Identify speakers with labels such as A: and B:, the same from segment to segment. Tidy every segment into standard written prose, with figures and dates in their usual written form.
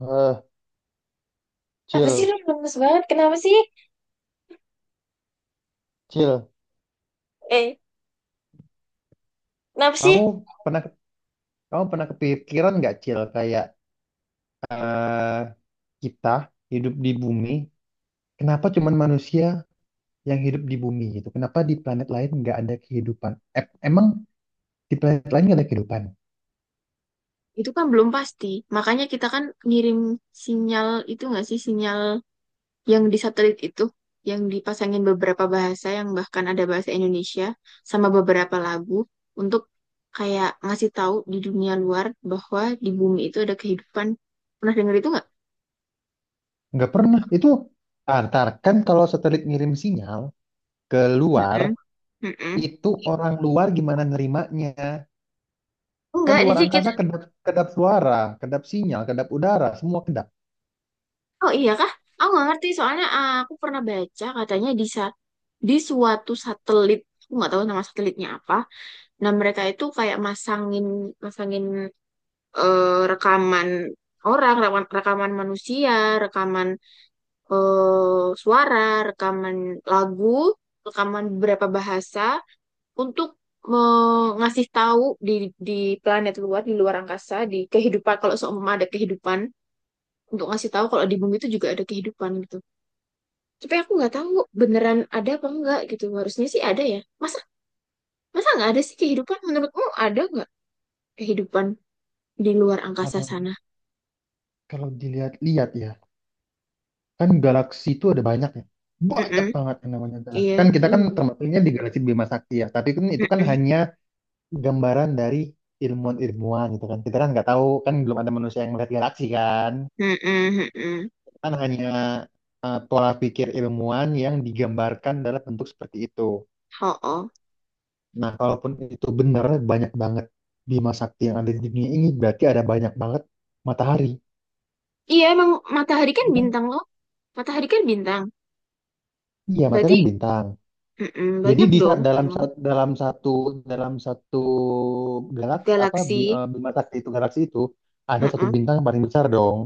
A: Eh,
B: Apa sih lu
A: Cil,
B: lemes banget? Kenapa sih?
A: Cil,
B: Eh, kenapa sih?
A: kamu pernah kamu pernah kepikiran nggak Cil kayak eh kita hidup di bumi, kenapa cuman manusia yang hidup di bumi gitu? Kenapa di planet lain nggak ada kehidupan? Emang di planet lain nggak ada kehidupan?
B: Itu kan belum pasti. Makanya kita kan ngirim sinyal itu nggak sih? Sinyal yang di satelit itu. Yang dipasangin beberapa bahasa yang bahkan ada bahasa Indonesia. Sama beberapa lagu. Untuk kayak ngasih tahu di dunia luar bahwa di bumi itu ada kehidupan. Pernah denger itu nggak?
A: Nggak pernah. Itu antar kan kalau satelit ngirim sinyal ke luar,
B: Mm-mm. Mm-mm.
A: itu orang luar gimana nerimanya? Kan
B: Enggak,
A: luar
B: jadi kita.
A: angkasa kedap kedap suara, kedap sinyal, kedap udara, semua kedap.
B: Oh iya kah? Aku nggak ngerti. Soalnya aku pernah baca katanya di suatu satelit, aku nggak tahu nama satelitnya apa. Nah, mereka itu kayak masangin masangin rekaman orang, rekaman, rekaman manusia, rekaman, suara, rekaman lagu, rekaman beberapa bahasa untuk ngasih tahu di planet luar, di luar angkasa, di kehidupan kalau seumpama ada kehidupan, untuk ngasih tahu kalau di bumi itu juga ada kehidupan gitu. Tapi aku nggak tahu beneran ada apa enggak gitu. Harusnya sih ada ya, masa. Masa nggak ada sih kehidupan? Menurutmu ada nggak kehidupan di luar angkasa
A: Kalau
B: sana?
A: kalau dilihat-lihat ya. Kan galaksi itu ada banyak ya. Banyak
B: Mm-mm.
A: banget yang namanya galaksi.
B: Iya,
A: Kan kita kan
B: iya.
A: termasuknya di galaksi Bima Sakti ya. Tapi kan itu kan
B: Mm-mm.
A: hanya gambaran dari ilmuwan-ilmuwan gitu kan. Kita kan nggak tahu kan belum ada manusia yang melihat galaksi kan.
B: Mm-mm. Mm-mm.
A: Kan hanya pola pikir ilmuwan yang digambarkan dalam bentuk seperti itu.
B: Oh, oh.
A: Nah, kalaupun itu benar banyak banget Bima Sakti yang ada di dunia ini berarti ada banyak banget matahari.
B: Iya, emang matahari kan
A: Ya kan?
B: bintang loh. Matahari kan bintang.
A: Iya, matahari
B: Berarti,
A: kan bintang.
B: mm-mm,
A: Jadi
B: banyak
A: di
B: dong memang
A: sa- dalam satu galaksi apa
B: galaksi.
A: Bima Sakti itu galaksi itu ada satu
B: Heeh.
A: bintang yang paling besar dong.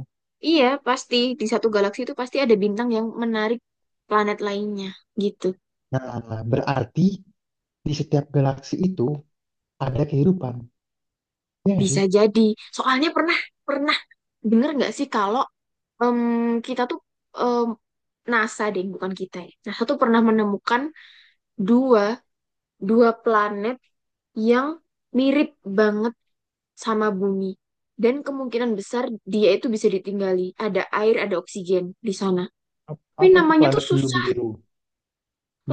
B: Iya, pasti di satu galaksi itu pasti ada bintang yang menarik planet lainnya gitu.
A: Nah, berarti di setiap galaksi itu ada kehidupan. Ya nggak
B: Bisa
A: sih?
B: jadi. Soalnya pernah pernah denger nggak sih kalau, em, kita tuh, em, NASA deh, bukan kita ya. NASA tuh pernah menemukan dua dua planet yang mirip banget sama Bumi. Dan kemungkinan besar dia itu bisa ditinggali. Ada air, ada oksigen di sana.
A: Ap-
B: Tapi
A: Apa tuh
B: namanya tuh
A: planet blue
B: susah.
A: biru?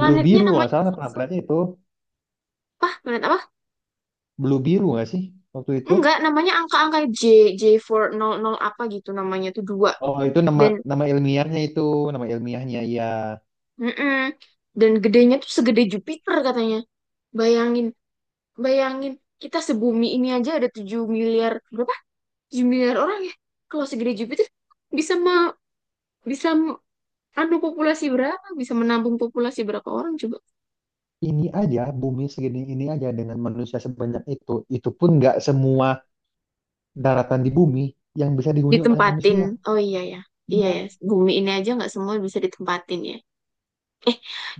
A: Blue biru nggak
B: namanya
A: salah nama
B: susah.
A: planetnya itu
B: Apa? Planet apa?
A: blue biru nggak sih waktu itu?
B: Enggak, namanya angka-angka J, J400 apa gitu namanya tuh dua.
A: Oh itu nama
B: Dan,
A: nama ilmiahnya itu nama ilmiahnya. Ya.
B: mm-mm. Dan gedenya tuh segede Jupiter katanya. Bayangin, bayangin, kita sebumi ini aja ada 7 miliar, berapa? 7 miliar orang ya. Kalau segede Jupiter, bisa me, bisa m- anu populasi berapa? Bisa menampung populasi berapa orang coba?
A: Ini aja bumi segini ini aja dengan manusia sebanyak itu pun nggak semua daratan di bumi yang bisa dihuni oleh
B: Ditempatin.
A: manusia.
B: Oh iya ya. Iya ya,
A: Iya,
B: bumi ini aja nggak semua bisa ditempatin ya. Eh,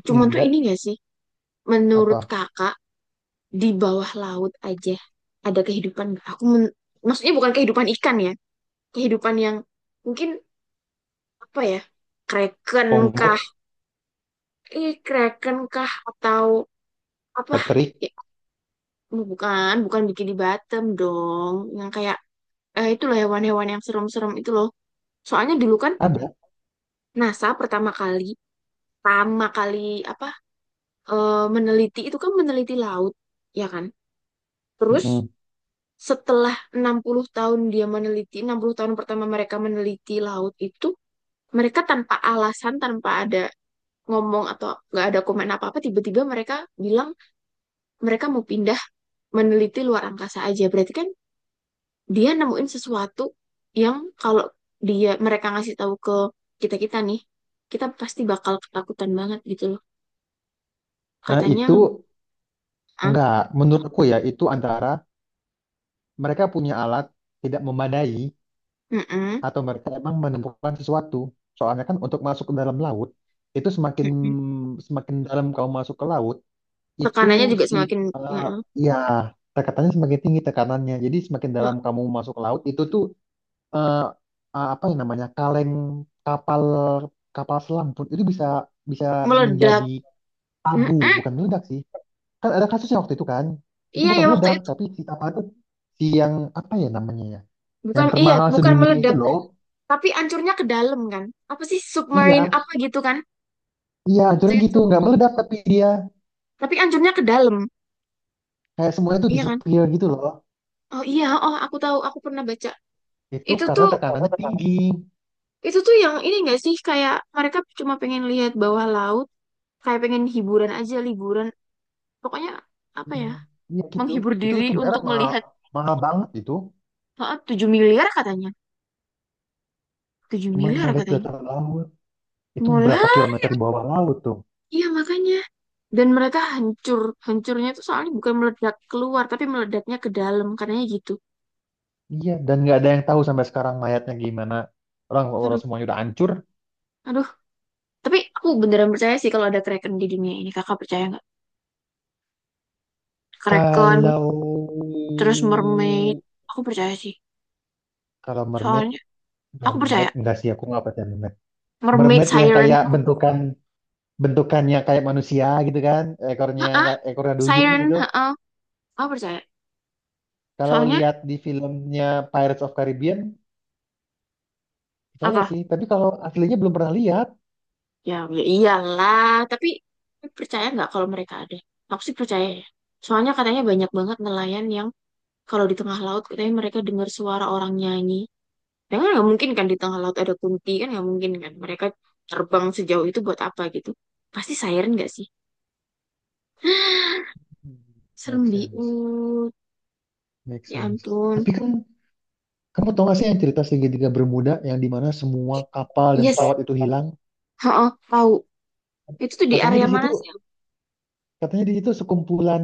B: cuman tuh ini
A: ingat
B: nggak sih?
A: apa?
B: Menurut kakak, di bawah laut aja ada kehidupan nggak? Maksudnya bukan kehidupan ikan ya. Kehidupan yang mungkin apa ya? Kraken
A: Pongo,
B: kah? Kraken kah atau apa
A: Patrick,
B: ya, oh, bukan bukan bikini bottom dong yang kayak itu loh hewan-hewan yang serem-serem itu loh. Soalnya dulu kan
A: ada.
B: NASA pertama kali apa, meneliti itu kan, meneliti laut ya kan. Terus
A: Mm-mm.
B: setelah 60 tahun dia meneliti, 60 tahun pertama mereka meneliti laut itu, mereka tanpa alasan, tanpa ada ngomong atau nggak ada komen apa-apa, tiba-tiba mereka bilang mereka mau pindah meneliti luar angkasa aja. Berarti kan dia nemuin sesuatu yang, kalau dia, mereka ngasih tahu ke kita, kita nih, kita pasti bakal ketakutan banget gitu loh
A: Nah,
B: katanya.
A: itu
B: ah
A: enggak, menurut aku ya, itu antara mereka punya alat tidak memadai
B: mm-mm.
A: atau mereka emang menemukan sesuatu. Soalnya kan untuk masuk ke dalam laut, itu semakin
B: Mm-mm.
A: semakin dalam kamu masuk ke laut, itu
B: Tekanannya juga
A: si
B: semakin
A: eh,
B: mm-mm,
A: ya tekatannya semakin tinggi tekanannya. Jadi semakin
B: mm,
A: dalam kamu masuk ke laut, itu tuh eh, apa yang namanya kaleng kapal kapal selam pun itu bisa bisa menjadi
B: meledak.
A: abu
B: Mm-mm.
A: bukan meledak sih kan ada kasusnya waktu itu kan itu
B: Iya
A: bukan
B: ya waktu
A: meledak
B: itu.
A: tapi si kapal itu si yang apa ya namanya ya
B: Bukan,
A: yang
B: iya
A: termahal
B: bukan
A: sedunia itu
B: meledak
A: loh
B: tapi ancurnya ke dalam kan. Apa sih, submarine
A: iya
B: apa gitu kan.
A: iya
B: Waktu
A: hancurnya
B: itu
A: gitu nggak meledak tapi dia
B: tapi ancurnya ke dalam.
A: kayak semuanya tuh
B: Iya kan?
A: disappear gitu loh
B: Oh iya, oh aku tahu, aku pernah baca
A: itu
B: itu
A: karena
B: tuh,
A: tekanannya tinggi
B: itu tuh yang ini nggak sih? Kayak mereka cuma pengen lihat bawah laut, kayak pengen hiburan aja liburan. Pokoknya apa ya,
A: iya. Iya gitu
B: menghibur diri
A: itu
B: untuk
A: beneran mahal
B: melihat.
A: mahal banget itu
B: 7 miliar katanya, 7
A: cuma
B: miliar
A: mau lihat
B: katanya.
A: dasar laut itu
B: Mau
A: berapa
B: lihat.
A: kilometer di bawah laut tuh.
B: Iya makanya. Dan mereka hancur, hancurnya tuh soalnya bukan meledak keluar tapi meledaknya ke dalam katanya gitu.
A: Iya, dan nggak ada yang tahu sampai sekarang mayatnya gimana. Orang orang
B: Aduh,
A: semuanya udah hancur.
B: aduh. Tapi aku beneran percaya sih kalau ada kraken di dunia ini. Kakak percaya nggak kraken?
A: Kalau
B: Terus mermaid, aku percaya sih.
A: kalau mermaid,
B: Soalnya aku
A: mermaid
B: percaya
A: enggak sih aku nggak percaya mermaid.
B: mermaid
A: Mermaid yang
B: siren
A: kayak
B: itu.
A: bentukannya kayak manusia gitu kan, ekornya
B: ah
A: nggak ekornya duyung
B: siren
A: gitu.
B: ha, aku percaya.
A: Kalau
B: Soalnya
A: lihat di filmnya Pirates of Caribbean, percaya
B: apa.
A: sih. Tapi kalau aslinya belum pernah lihat.
B: Ya, ya iyalah. Tapi lu percaya nggak kalau mereka ada? Aku sih percaya ya. Soalnya katanya banyak banget nelayan yang kalau di tengah laut katanya mereka dengar suara orang nyanyi. Ya kan nggak mungkin kan di tengah laut ada kunti kan, nggak mungkin kan. Mereka terbang sejauh itu buat apa gitu? Pasti siren nggak sih?
A: Hmm, make
B: Serem
A: sense,
B: biut.
A: make
B: Ya
A: sense.
B: ampun.
A: Tapi kan kamu tau gak sih yang cerita segitiga Bermuda yang dimana semua kapal dan
B: Yes.
A: pesawat itu hilang?
B: Heeh, tahu. Itu tuh di
A: Katanya
B: area
A: di situ,
B: mana sih?
A: katanya di situ sekumpulan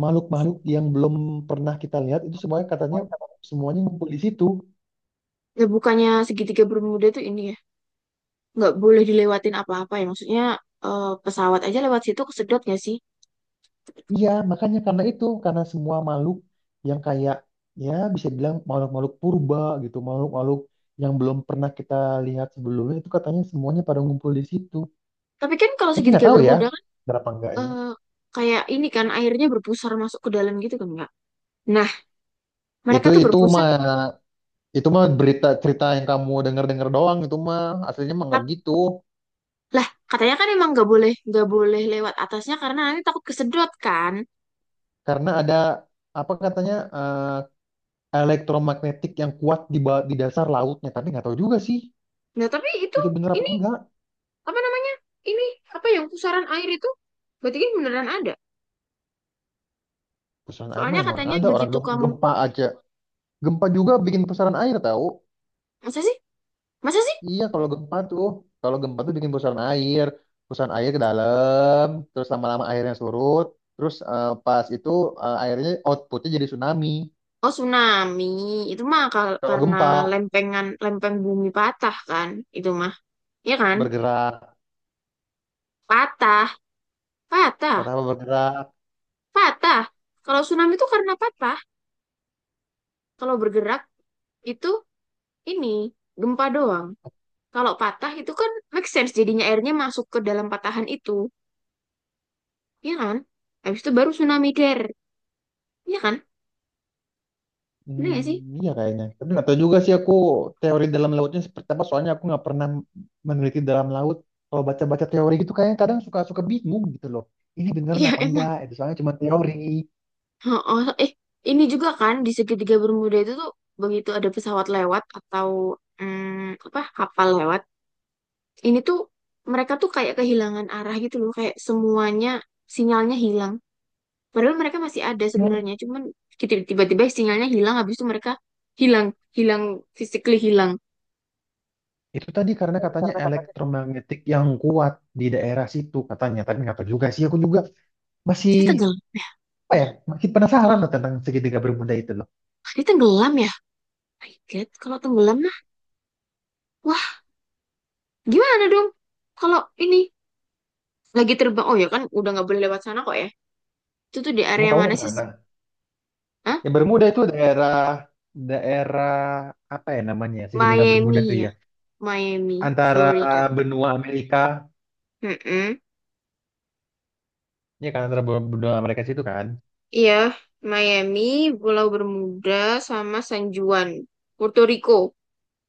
A: makhluk-makhluk yang belum pernah kita lihat itu semuanya katanya semuanya ngumpul di situ.
B: Ya bukannya segitiga Bermuda tuh ini ya? Nggak boleh dilewatin apa-apa ya? Maksudnya, pesawat aja lewat situ kesedot nggak sih?
A: Iya, makanya karena itu, karena semua makhluk yang kayak ya bisa bilang makhluk-makhluk purba gitu, makhluk-makhluk yang belum pernah kita lihat sebelumnya itu katanya semuanya pada ngumpul di situ.
B: Tapi kan kalau
A: Tapi nggak
B: segitiga
A: tahu ya,
B: bermuda kan,
A: berapa enggaknya.
B: eh, kayak ini kan airnya berpusar masuk ke dalam gitu kan Kak. Nah, mereka
A: Itu
B: tuh
A: itu
B: berpusat.
A: mah itu mah berita cerita yang kamu dengar-dengar doang itu mah aslinya mah nggak
B: tap-
A: gitu.
B: Lah, katanya kan emang nggak boleh lewat atasnya karena nanti takut kesedot kan.
A: Karena ada apa katanya elektromagnetik yang kuat di, di dasar lautnya. Tapi nggak tahu juga sih,
B: Nah, tapi itu
A: itu bener apa
B: ini
A: enggak.
B: apa namanya? Ini apa yang pusaran air itu? Berarti kan beneran ada.
A: Pusaran air
B: Soalnya
A: mah emang
B: katanya
A: ada orang
B: begitu kamu
A: gempa aja. Gempa juga bikin pusaran air tahu.
B: masa sih? Masa sih?
A: Iya kalau gempa tuh bikin pusaran air ke dalam, terus lama-lama airnya surut, terus pas itu airnya outputnya jadi tsunami.
B: Oh, tsunami. Itu mah,
A: Kalau
B: karena
A: gempa
B: lempengan, lempeng bumi patah kan. Itu mah. Iya kan?
A: bergerak,
B: Patah. Patah.
A: patah apa bergerak.
B: Patah. Kalau tsunami itu karena patah. Kalau bergerak itu ini gempa doang. Kalau patah itu kan make sense, jadinya airnya masuk ke dalam patahan itu. Iya kan? Habis itu baru tsunami der. Iya kan? Bener
A: Hmm,
B: gak sih?
A: iya kayaknya. Tapi nggak tahu juga sih aku teori dalam lautnya seperti apa. Soalnya aku nggak pernah meneliti dalam laut. Kalau baca-baca teori gitu kayaknya kadang suka-suka bingung gitu loh. Ini beneran
B: Iya
A: apa
B: emang.
A: enggak? Itu soalnya cuma teori.
B: Oh, oh, eh, ini juga kan di segitiga Bermuda itu tuh begitu ada pesawat lewat atau, mm, apa kapal lewat. Ini tuh mereka tuh kayak kehilangan arah gitu loh. Kayak semuanya sinyalnya hilang. Padahal mereka masih ada
A: Ya.
B: sebenarnya, cuman tiba-tiba sinyalnya hilang, habis itu mereka hilang, hilang, physically hilang.
A: Itu tadi karena katanya
B: Karena kata.
A: elektromagnetik yang kuat di daerah situ katanya. Tapi nggak tahu juga sih. Aku juga masih
B: Dia tenggelam ya?
A: apa ya? Masih penasaran loh tentang segitiga Bermuda itu loh.
B: Dia tenggelam ya? My God, kalau tenggelam mah, wah gimana dong? Kalau ini lagi terbang, oh ya kan udah nggak boleh lewat sana kok ya? Itu tuh di
A: Kamu
B: area
A: kamu mau
B: mana
A: ke
B: sih?
A: sana?
B: Hah?
A: Ya Bermuda itu daerah daerah apa ya namanya segitiga Bermuda
B: Miami
A: tuh
B: ya?
A: ya?
B: Miami, Florida.
A: Antara benua Amerika,
B: Mm-mm.
A: ya kan antara benua benua Amerika situ kan,
B: Iya, Miami, Pulau Bermuda, sama San Juan, Puerto Rico.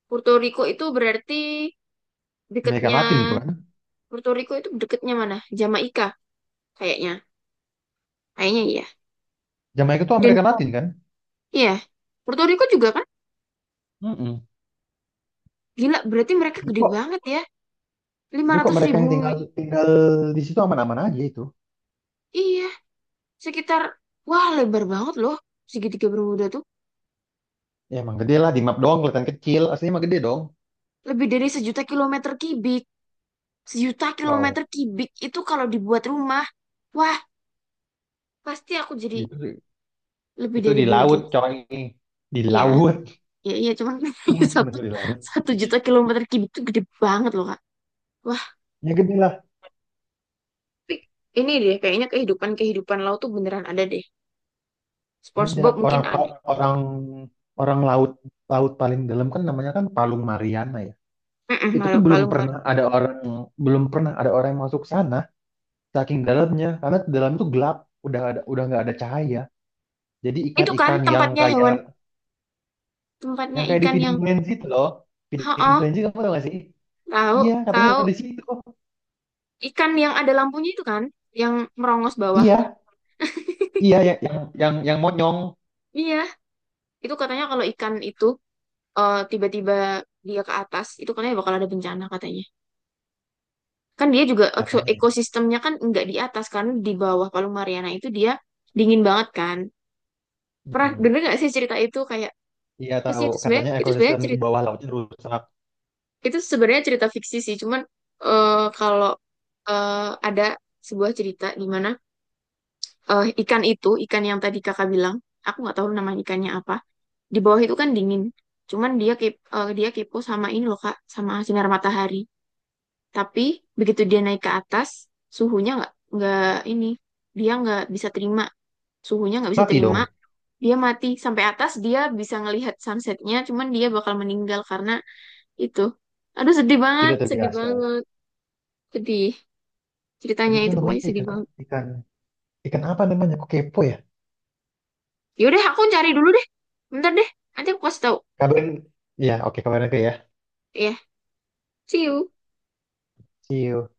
B: Puerto Rico itu berarti
A: Amerika
B: dekatnya.
A: Latin itu kan,
B: Puerto Rico itu deketnya mana? Jamaika kayaknya. Kayaknya iya.
A: Jamaika itu
B: Dan
A: Amerika Latin kan.
B: iya, Puerto Rico juga kan?
A: Mm-mm.
B: Gila, berarti mereka
A: Tapi
B: gede
A: kok,
B: banget ya. Lima
A: tapi kok
B: ratus
A: mereka
B: ribu
A: yang tinggal
B: mil.
A: tinggal di situ aman-aman aja itu,
B: Iya, sekitar, wah lebar banget loh. Segitiga Bermuda tuh.
A: ya emang gede lah di map doang kelihatan kecil, aslinya emang gede dong,
B: Lebih dari 1 juta kilometer kubik. 1 juta
A: wow,
B: kilometer kubik itu kalau dibuat rumah. Wah, pasti aku jadi
A: itu
B: lebih
A: itu
B: dari
A: di
B: Bill
A: laut
B: Gates.
A: coy, di
B: Iya,
A: laut,
B: iya, iya. Cuman satu,
A: di laut,
B: 1 juta kilometer kubik itu gede banget loh, Kak.
A: ya gede lah,
B: Tapi ini deh, kayaknya kehidupan-kehidupan laut tuh beneran ada deh.
A: ada
B: SpongeBob mungkin
A: orang
B: ada.
A: pa- orang orang laut laut paling dalam kan namanya kan Palung Mariana ya,
B: Mm-mm,
A: itu tuh
B: Palung Mar.
A: belum pernah ada orang yang masuk sana saking dalamnya karena dalam itu gelap udah nggak ada cahaya jadi
B: Itu kan
A: ikan-ikan
B: tempatnya hewan, tempatnya
A: yang kayak di
B: ikan
A: Feeding
B: yang,
A: Frenzy itu loh Feeding
B: oh,
A: Frenzy kamu tau gak sih
B: tahu,
A: iya katanya
B: tahu.
A: udah di situ
B: Ikan yang ada lampunya itu kan, yang merongos bawah.
A: iya iya yang monyong
B: Iya, itu katanya kalau ikan itu, tiba-tiba dia ke atas, itu katanya bakal ada bencana katanya. Kan dia juga
A: katanya.
B: ekosistemnya kan nggak di atas kan, di bawah Palung Mariana itu dia dingin banget kan. Pernah
A: Mm-mm.
B: denger nggak sih cerita itu kayak
A: Iya
B: pasti
A: tahu
B: itu sebenarnya,
A: katanya
B: itu sebenarnya
A: ekosistem di
B: cerita.
A: bawah lautnya rusak
B: Itu sebenarnya cerita fiksi sih, cuman, eh, kalau, eh, ada sebuah cerita di mana, ikan itu, ikan yang tadi kakak bilang, aku nggak tahu nama ikannya apa, di bawah itu kan dingin. Cuman dia kepo sama ini loh Kak, sama sinar matahari. Tapi begitu dia naik ke atas, suhunya nggak ini, dia nggak bisa terima, suhunya nggak bisa
A: mati
B: terima,
A: dong
B: dia mati. Sampai atas dia bisa ngelihat sunsetnya cuman dia bakal meninggal karena itu. Aduh sedih banget,
A: tidak
B: sedih
A: terbiasa
B: banget. Sedih.
A: tapi
B: Ceritanya
A: itu
B: itu
A: namanya
B: pokoknya sedih
A: ikan
B: banget.
A: ikan ikan apa namanya kok kepo ya
B: Yaudah, aku cari dulu deh. Bentar deh. Nanti aku kasih tahu.
A: kabarin ya oke kabarin aja ya
B: Ya, yeah. See you.
A: see you